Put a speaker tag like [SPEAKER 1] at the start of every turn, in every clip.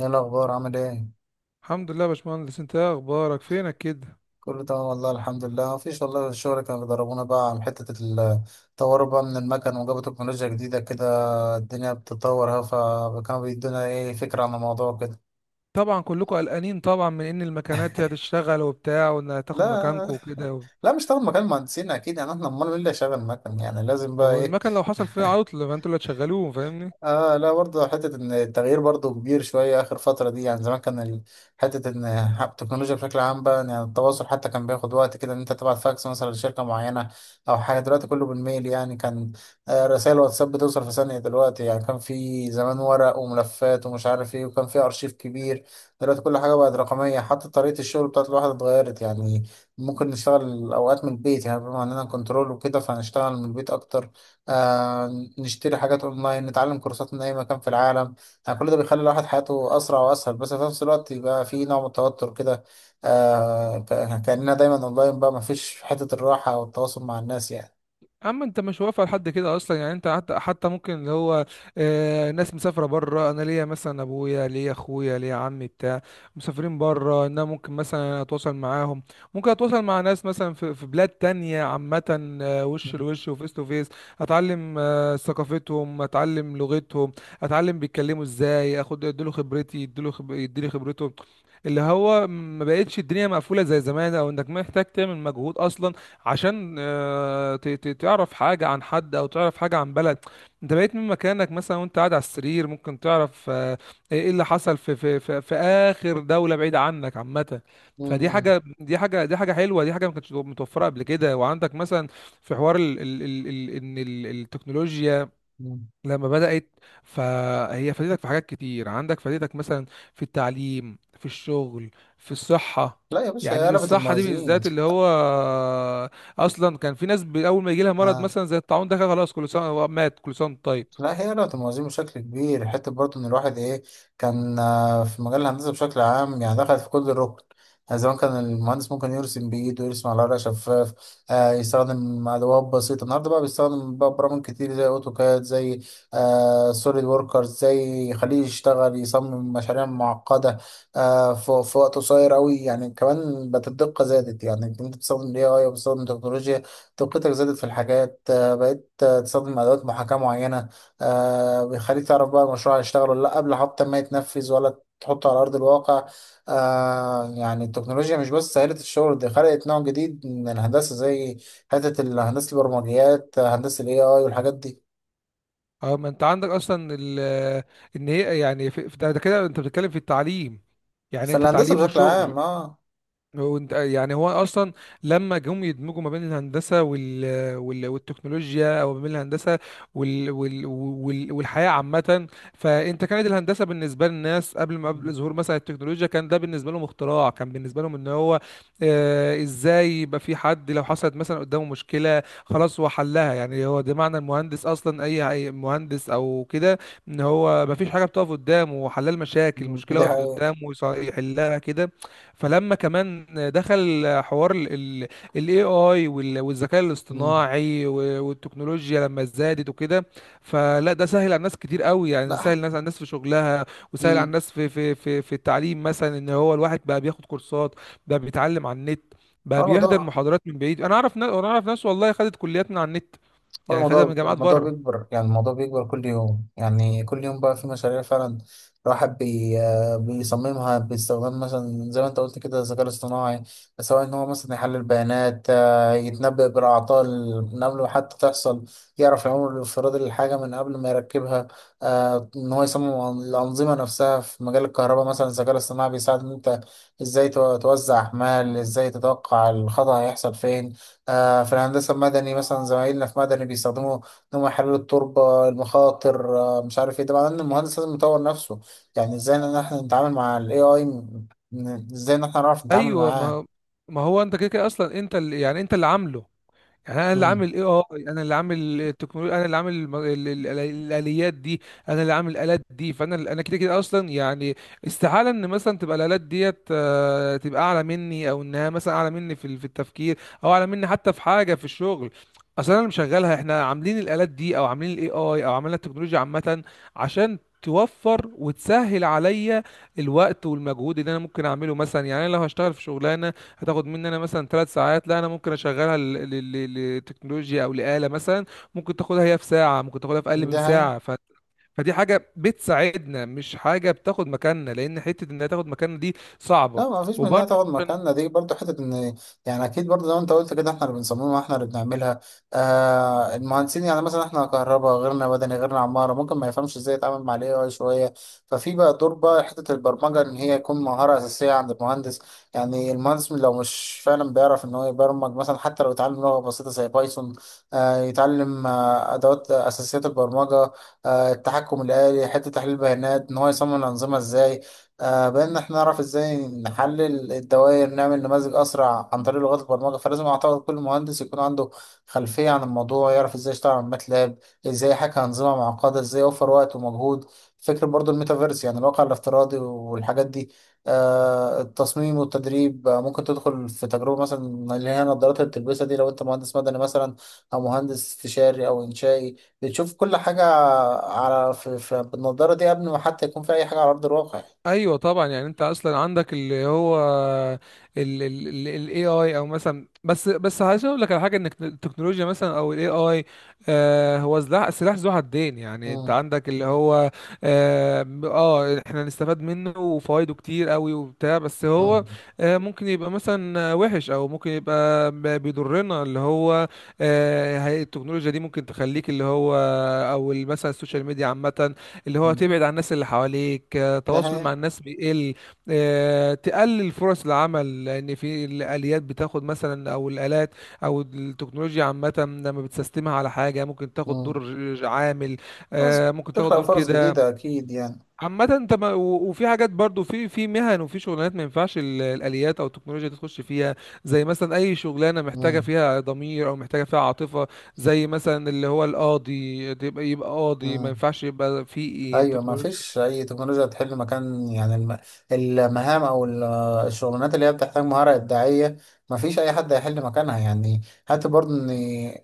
[SPEAKER 1] ايه الاخبار؟ عامل ايه؟
[SPEAKER 2] الحمد لله يا باشمهندس، انت ايه اخبارك؟ فينك كده؟
[SPEAKER 1] كله تمام والله. الحمد لله. مفيش والله، الشغل كانوا بيدربونا بقى على حته التطور بقى من المكن، وجابوا تكنولوجيا جديده كده. الدنيا بتتطور اهو. فكانوا بيدونا ايه فكره عن الموضوع كده.
[SPEAKER 2] طبعا كلكم قلقانين طبعا من ان المكانات هتشتغل وبتاع وانها هتاخد
[SPEAKER 1] لا.
[SPEAKER 2] مكانكم وكده.
[SPEAKER 1] لا مش طبعا، مكان مهندسين اكيد يعني، احنا امال مين اللي شغال مكن؟ يعني لازم بقى
[SPEAKER 2] هو
[SPEAKER 1] ايه.
[SPEAKER 2] المكن لو حصل فيها عطل فانتوا اللي هتشغلوه، فاهمني؟
[SPEAKER 1] اه لا برضه حتة ان التغيير برضه كبير شوية اخر فترة دي. يعني زمان كان حتة ان التكنولوجيا بشكل عام بقى، يعني التواصل حتى كان بياخد وقت كده، ان انت تبعت فاكس مثلا لشركة معينة او حاجة. دلوقتي كله بالميل يعني، كان رسائل واتساب بتوصل في ثانية دلوقتي. يعني كان في زمان ورق وملفات ومش عارف ايه، وكان في ارشيف كبير. دلوقتي كل حاجة بقت رقمية، حتى طريقة الشغل بتاعت الواحد اتغيرت يعني. ممكن نشتغل اوقات من البيت، يعني بما اننا كنترول وكده فهنشتغل من البيت اكتر. آه نشتري حاجات اونلاين، نتعلم كورسات من اي مكان في العالم. يعني كل ده بيخلي الواحد حياته اسرع واسهل، بس في نفس الوقت يبقى في نوع من التوتر كده. كأننا دايما اونلاين بقى، ما فيش حتة الراحة والتواصل مع الناس يعني.
[SPEAKER 2] اما انت مش واقف على حد كده اصلا، يعني انت حتى ممكن اللي هو ناس مسافره بره، انا ليا مثلا ابويا، ليا اخويا، ليا عمي بتاع مسافرين بره، ان انا ممكن مثلا اتواصل معاهم، ممكن اتواصل مع ناس مثلا في بلاد تانية عامه.
[SPEAKER 1] م-
[SPEAKER 2] وش لوش وفيس تو فيس، اتعلم ثقافتهم، اتعلم لغتهم، اتعلم بيتكلموا ازاي، اخد اديله خبرتي، يديني خبرته. اللي هو ما بقتش الدنيا مقفوله زي زمان، او انك محتاج تعمل مجهود اصلا عشان تعرف حاجة عن حد أو تعرف حاجة عن بلد. أنت بقيت من مكانك مثلا، وأنت قاعد على السرير ممكن تعرف إيه اللي حصل في آخر دولة بعيدة عنك عامة. فدي
[SPEAKER 1] م-
[SPEAKER 2] حاجة دي حاجة دي حاجة حلوة، دي حاجة ما كانتش متوفرة قبل كده، وعندك مثلا في حوار التكنولوجيا
[SPEAKER 1] م- م.
[SPEAKER 2] لما بدأت، فهي فادتك في حاجات كتير، عندك فادتك مثلا في التعليم، في الشغل، في الصحة.
[SPEAKER 1] لا يا باشا، هي
[SPEAKER 2] يعني
[SPEAKER 1] قلبت
[SPEAKER 2] الصحة دي
[SPEAKER 1] الموازين.
[SPEAKER 2] بالذات اللي هو أصلا كان في ناس أول ما يجي لها مرض
[SPEAKER 1] آه.
[SPEAKER 2] مثلا زي الطاعون ده كان خلاص، كل سنة هو مات، كل سنة وأنت طيب.
[SPEAKER 1] لا هي لو تموازين بشكل كبير، حتى برضه ان الواحد ايه، كان في مجال الهندسه بشكل عام يعني دخل في كل الركن. يعني زمان كان المهندس ممكن يرسم بايده، يرسم على ورقه شفاف، يستخدم ادوات بسيطه. النهارده بقى بيستخدم بقى برامج كتير زي اوتوكاد، زي سوليد وركرز، زي يخليه يشتغل يصمم مشاريع معقده في, وقت قصير قوي يعني. كمان بقت الدقه زادت يعني، انت بتستخدم الاي اي وبتستخدم تكنولوجيا، دقتك زادت في الحاجات. بقيت تستخدم ادوات محاكاه معينه، بيخليك تعرف بقى المشروع هيشتغل ولا لا قبل حتى ما يتنفذ ولا تحطه على أرض الواقع. يعني التكنولوجيا مش بس سهلت الشغل، دي خلقت نوع جديد من الهندسة، زي حتة الهندسة البرمجيات، هندسة ال AI والحاجات دي.
[SPEAKER 2] أه، ما أنت عندك أصلا إن هي يعني ده كده أنت بتتكلم في التعليم، يعني أنت
[SPEAKER 1] فالهندسة
[SPEAKER 2] تعليم
[SPEAKER 1] بشكل
[SPEAKER 2] وشغل.
[SPEAKER 1] عام اه.
[SPEAKER 2] يعني هو اصلا لما جم يدمجوا ما بين الهندسه والتكنولوجيا، او ما بين الهندسه والحياه عامه. فانت كانت الهندسه بالنسبه للناس قبل ما قبل ظهور مثلا التكنولوجيا كان ده بالنسبه لهم اختراع، كان بالنسبه لهم ان هو ازاي يبقى في حد لو حصلت مثلا قدامه مشكله خلاص هو حلها. يعني هو ده معنى المهندس اصلا، اي أي مهندس او كده، ان هو ما فيش حاجه بتقف قدامه، هو حلال مشاكل،
[SPEAKER 1] مم.
[SPEAKER 2] مشكله
[SPEAKER 1] دي
[SPEAKER 2] وقفت
[SPEAKER 1] حقيقة.
[SPEAKER 2] قدامه يحلها كده. فلما كمان دخل حوار الاي اي والذكاء
[SPEAKER 1] مم.
[SPEAKER 2] الاصطناعي والتكنولوجيا لما زادت وكده، فلا ده سهل على الناس كتير قوي، يعني سهل
[SPEAKER 1] لا.
[SPEAKER 2] الناس على الناس في شغلها، وسهل على
[SPEAKER 1] مم.
[SPEAKER 2] الناس في التعليم مثلا، ان هو الواحد بقى بياخد كورسات، بقى بيتعلم على النت،
[SPEAKER 1] هو
[SPEAKER 2] بقى بيحضر
[SPEAKER 1] الموضوع،
[SPEAKER 2] محاضرات من بعيد. انا اعرف ناس والله خدت كليات من على النت،
[SPEAKER 1] هو
[SPEAKER 2] يعني خدها من
[SPEAKER 1] الموضوع
[SPEAKER 2] جامعات
[SPEAKER 1] الموضوع
[SPEAKER 2] بره.
[SPEAKER 1] بيكبر يعني، الموضوع بيكبر كل يوم. يعني كل يوم بقى في مشاريع فعلا الواحد بي آه، بيصممها باستخدام مثلا زي ما انت قلت كده الذكاء الاصطناعي. سواء ان هو مثلا يحلل بيانات، يتنبأ بالأعطال من قبل ما حتى تحصل، يعرف العمر الافتراضي للحاجة من قبل ما يركبها، ان هو يصمم الأنظمة نفسها. في مجال الكهرباء مثلا، الذكاء الاصطناعي بيساعد ان انت ازاي توزع أحمال، ازاي تتوقع الخطأ هيحصل فين. في الهندسة المدني مثلا زمايلنا في مدني بيستخدموا إن هم يحللوا التربة المخاطر، مش عارف إيه. طبعا إن المهندس لازم يطور نفسه، يعني إزاي إن إحنا نتعامل مع ال AI، إزاي إن إحنا نعرف نتعامل
[SPEAKER 2] ايوه،
[SPEAKER 1] معاه.
[SPEAKER 2] ما هو انت كده كده اصلا، انت اللي عامله. يعني انا اللي
[SPEAKER 1] مم.
[SPEAKER 2] عامل AI، انا اللي عامل التكنولوجيا، انا اللي عامل الاليات دي، انا اللي عامل الالات دي. فانا كده كده اصلا يعني استحاله ان مثلا تبقى الالات ديت تبقى اعلى مني، او انها مثلا اعلى مني في في التفكير، او اعلى مني حتى في حاجه في الشغل. اصلا انا اللي مشغلها، احنا عاملين الالات دي او عاملين الاي اي او عاملين التكنولوجيا عامه عشان توفر وتسهل عليا الوقت والمجهود اللي انا ممكن اعمله مثلا. يعني انا لو هشتغل في شغلانه هتاخد مني انا مثلا 3 ساعات، لا انا ممكن اشغلها لتكنولوجيا او لآلة مثلا، ممكن تاخدها هي في ساعة، ممكن تاخدها في اقل من
[SPEAKER 1] ده هي.
[SPEAKER 2] ساعة. فدي حاجة بتساعدنا، مش حاجة بتاخد مكاننا، لان حتة انها تاخد مكاننا دي صعبة،
[SPEAKER 1] لا، ما فيش منها
[SPEAKER 2] وبرضه
[SPEAKER 1] تاخد مكاننا دي برضو. حتة ان يعني اكيد برضو زي ما انت قلت كده احنا اللي بنصممها، احنا اللي بنعملها، المهندسين يعني. مثلا احنا كهرباء، غيرنا مدني، غيرنا عمارة ممكن ما يفهمش ازاي يتعامل مع الاي اي شوية. ففي بقى دور بقى حتة البرمجة، ان هي يكون مهارة اساسية عند المهندس. يعني المهندس لو مش فعلا بيعرف ان هو يبرمج مثلا، حتى لو يتعلم لغة بسيطة زي بايثون، يتعلم ادوات اساسيات البرمجة، التحكم الآلي، حتة تحليل البيانات، ان هو يصمم الانظمة ازاي، بان احنا نعرف ازاي نحلل الدوائر، نعمل نماذج اسرع عن طريق لغات البرمجه. فلازم اعتقد كل مهندس يكون عنده خلفيه عن الموضوع، يعرف ازاي يشتغل على ماتلاب، ازاي يحكي انظمه معقده، ازاي يوفر وقت ومجهود. فكره برضو الميتافيرس، يعني الواقع الافتراضي والحاجات دي، التصميم والتدريب. ممكن تدخل في تجربه مثلا، اللي هي النظارات اللي بتلبسها دي، لو انت مهندس مدني مثلا او مهندس استشاري او انشائي، بتشوف كل حاجه على في, في بالنظاره دي قبل ما حتى يكون في اي حاجه على ارض الواقع.
[SPEAKER 2] ايوه طبعا. يعني انت اصلا عندك اللي هو ال ال ال ال AI، او مثلا بس عايز اقول لك على حاجه، ان التكنولوجيا مثلا او ال AI هو سلاح ذو حدين. يعني انت
[SPEAKER 1] مم.
[SPEAKER 2] عندك اللي هو احنا نستفاد منه وفوائده كتير قوي وبتاع، بس هو
[SPEAKER 1] مم.
[SPEAKER 2] ممكن يبقى مثلا وحش، او ممكن يبقى بيضرنا. اللي هو التكنولوجيا دي ممكن تخليك اللي هو، او مثلا السوشيال ميديا عامه، اللي هو
[SPEAKER 1] مم.
[SPEAKER 2] تبعد عن الناس اللي حواليك،
[SPEAKER 1] ده
[SPEAKER 2] التواصل
[SPEAKER 1] هي-
[SPEAKER 2] مع الناس بيقل. تقلل فرص العمل، لان في الاليات بتاخد مثلا، او الالات او التكنولوجيا عامه لما بتسيستمها على حاجه ممكن تاخد دور
[SPEAKER 1] مم.
[SPEAKER 2] عامل،
[SPEAKER 1] فرص.
[SPEAKER 2] ممكن تاخد
[SPEAKER 1] تخلق
[SPEAKER 2] دور
[SPEAKER 1] فرص
[SPEAKER 2] كده.
[SPEAKER 1] جديدة أكيد يعني.
[SPEAKER 2] عامة انت ما و- وفي حاجات برضو في مهن، وفي شغلانات ما ينفعش الاليات او التكنولوجيا دي تخش فيها، زي مثلا اي شغلانه محتاجه
[SPEAKER 1] مم.
[SPEAKER 2] فيها ضمير او محتاجه فيها عاطفه، زي مثلا اللي هو القاضي. يبقى قاضي ما
[SPEAKER 1] مم.
[SPEAKER 2] ينفعش يبقى في
[SPEAKER 1] ايوه، ما
[SPEAKER 2] تكنولوجيا.
[SPEAKER 1] فيش اي تكنولوجيا تحل مكان يعني المهام او الشغلانات اللي هي بتحتاج مهاره ابداعيه، ما فيش اي حد هيحل مكانها يعني. حتى برضه ان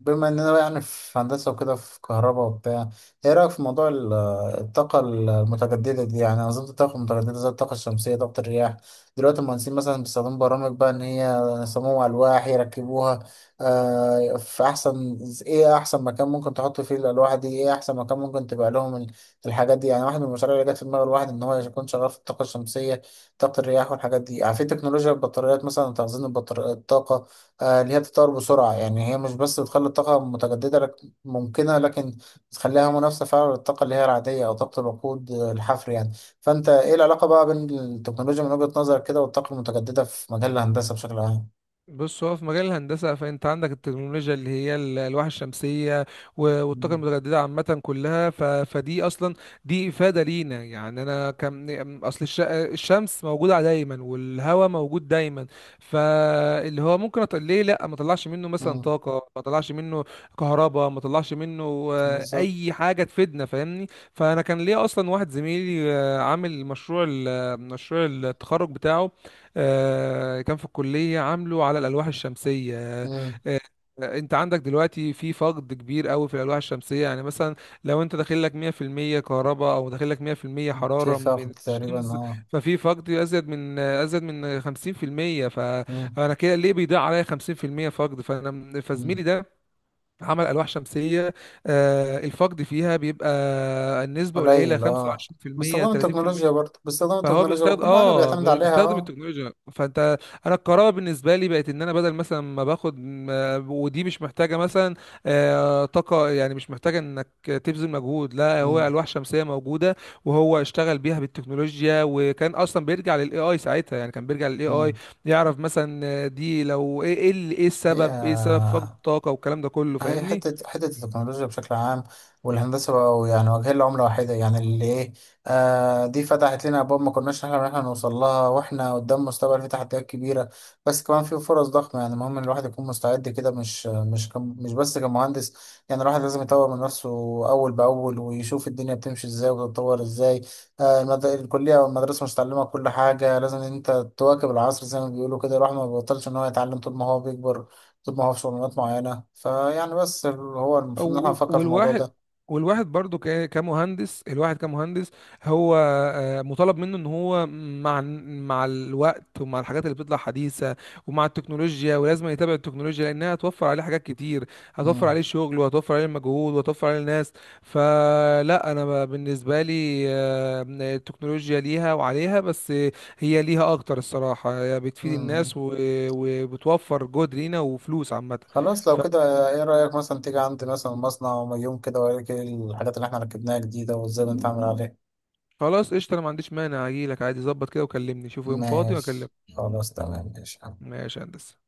[SPEAKER 1] بما اننا بقى يعني في هندسه وكده في كهرباء وبتاع، ايه رايك في موضوع الطاقه المتجدده دي، يعني انظمه الطاقه المتجدده زي الطاقه الشمسيه، طاقه الرياح؟ دلوقتي المهندسين مثلا بيستخدموا برامج بقى ان هي يصمموا الواح يركبوها، في احسن، ايه احسن مكان ممكن تحط فيه الالواح دي، ايه احسن مكان ممكن تبقى لهم الحاجات دي. يعني واحد من المشاريع اللي جت في دماغ الواحد ان هو يكون شغال في الطاقه الشمسيه، طاقه الرياح والحاجات دي. يعني في تكنولوجيا البطاريات مثلا، تخزين الطاقه، اللي هي بتتطور بسرعه. يعني هي مش بس بتخلي الطاقه متجدده لك ممكنه، لكن بتخليها منافسه فعلا للطاقه اللي هي العاديه او طاقه الوقود، الحفر يعني. فانت ايه العلاقه بقى بين التكنولوجيا من وجهه نظرك كده والطاقه المتجدده في مجال الهندسه بشكل عام؟
[SPEAKER 2] بص، هو في مجال الهندسة، فأنت عندك التكنولوجيا اللي هي الألواح الشمسية والطاقة
[SPEAKER 1] مم.
[SPEAKER 2] المتجددة عامة كلها. فدي أصلا دي إفادة لينا. يعني أنا أصل الشمس موجودة دايما، والهواء موجود دايما، فاللي هو ممكن ليه لأ ما طلعش منه مثلا
[SPEAKER 1] مم.
[SPEAKER 2] طاقة، ما طلعش منه كهرباء، ما طلعش منه
[SPEAKER 1] بالظبط.
[SPEAKER 2] أي حاجة تفيدنا، فاهمني؟ فأنا كان ليا أصلا واحد زميلي عامل مشروع مشروع التخرج بتاعه، كان في الكلية، عامله على الألواح الشمسية.
[SPEAKER 1] مم.
[SPEAKER 2] آه، انت عندك دلوقتي في فقد كبير قوي في الألواح الشمسية. يعني مثلا لو انت داخل لك 100% كهرباء او داخل لك 100% حرارة
[SPEAKER 1] شايف فقد
[SPEAKER 2] من
[SPEAKER 1] تقريبا
[SPEAKER 2] الشمس،
[SPEAKER 1] اه.
[SPEAKER 2] ففي فقد ازيد من 50%. فانا كده ليه بيضيع عليا 50% فقد؟
[SPEAKER 1] مم.
[SPEAKER 2] فزميلي ده عمل ألواح شمسية الفقد فيها بيبقى النسبة قليلة،
[SPEAKER 1] قليل اه.
[SPEAKER 2] 25%
[SPEAKER 1] باستخدام التكنولوجيا
[SPEAKER 2] 30%.
[SPEAKER 1] برضه، باستخدام
[SPEAKER 2] فهو
[SPEAKER 1] التكنولوجيا
[SPEAKER 2] بيستخدم
[SPEAKER 1] وكل حاجة بيعتمد عليها
[SPEAKER 2] بيستخدم
[SPEAKER 1] اه.
[SPEAKER 2] التكنولوجيا. فانت انا القراءه بالنسبه لي بقت ان انا بدل مثلا ما باخد ودي مش محتاجه مثلا طاقه، يعني مش محتاجه انك تبذل مجهود، لا هو
[SPEAKER 1] مم.
[SPEAKER 2] الواح شمسيه موجوده وهو اشتغل بيها بالتكنولوجيا، وكان اصلا بيرجع للاي اي ساعتها، يعني كان بيرجع للاي اي
[SPEAKER 1] مم.
[SPEAKER 2] يعرف مثلا دي لو ايه، إيه
[SPEAKER 1] هي،
[SPEAKER 2] السبب، سبب فقد الطاقه والكلام ده كله،
[SPEAKER 1] هي
[SPEAKER 2] فاهمني؟
[SPEAKER 1] حتة حتة التكنولوجيا بشكل عام والهندسة بقوا يعني واجهين لعملة واحدة، يعني اللي إيه، دي فتحت لنا أبواب ما كناش نحلم إن إحنا نوصل لها، وإحنا قدام مستقبل فيه تحديات كبيرة بس كمان في فرص ضخمة. يعني المهم إن الواحد يكون مستعد كده، مش بس كمهندس، يعني الواحد لازم يطور من نفسه أول بأول ويشوف الدنيا بتمشي إزاي وتتطور إزاي. الكلية أو المدرسة مش تعلمك كل حاجة، لازم إن أنت تواكب العصر زي ما بيقولوا كده. الواحد ما بيبطلش إن هو يتعلم طول ما هو بيكبر، بتطبع في شغلانات معينة فيعني. بس هو المفروض إن احنا
[SPEAKER 2] و-
[SPEAKER 1] نفكر في الموضوع
[SPEAKER 2] والواحد
[SPEAKER 1] ده.
[SPEAKER 2] والواحد برضو كمهندس، الواحد كمهندس هو مطالب منه ان هو مع الوقت ومع الحاجات اللي بتطلع حديثة ومع التكنولوجيا، ولازم يتابع التكنولوجيا لانها هتوفر عليه حاجات كتير، هتوفر
[SPEAKER 1] مم.
[SPEAKER 2] عليه شغل وهتوفر عليه مجهود وهتوفر عليه ناس. فلا انا بالنسبة لي التكنولوجيا ليها وعليها، بس هي ليها اكتر الصراحة، هي بتفيد الناس
[SPEAKER 1] مم.
[SPEAKER 2] وبتوفر جهد لينا وفلوس عامة.
[SPEAKER 1] خلاص لو كده ايه رأيك مثلا تيجي عندي مثلا مصنع وما يوم كده وأوريك إيه الحاجات اللي احنا ركبناها جديدة وازاي بنتعامل عليها؟
[SPEAKER 2] خلاص قشطة، انا ما عنديش مانع، اجيلك عادي، ظبط كده وكلمني، شوف يوم فاضي
[SPEAKER 1] ماشي.
[SPEAKER 2] واكلمك.
[SPEAKER 1] خلاص تمام، ماشي.
[SPEAKER 2] ماشي يا هندسة.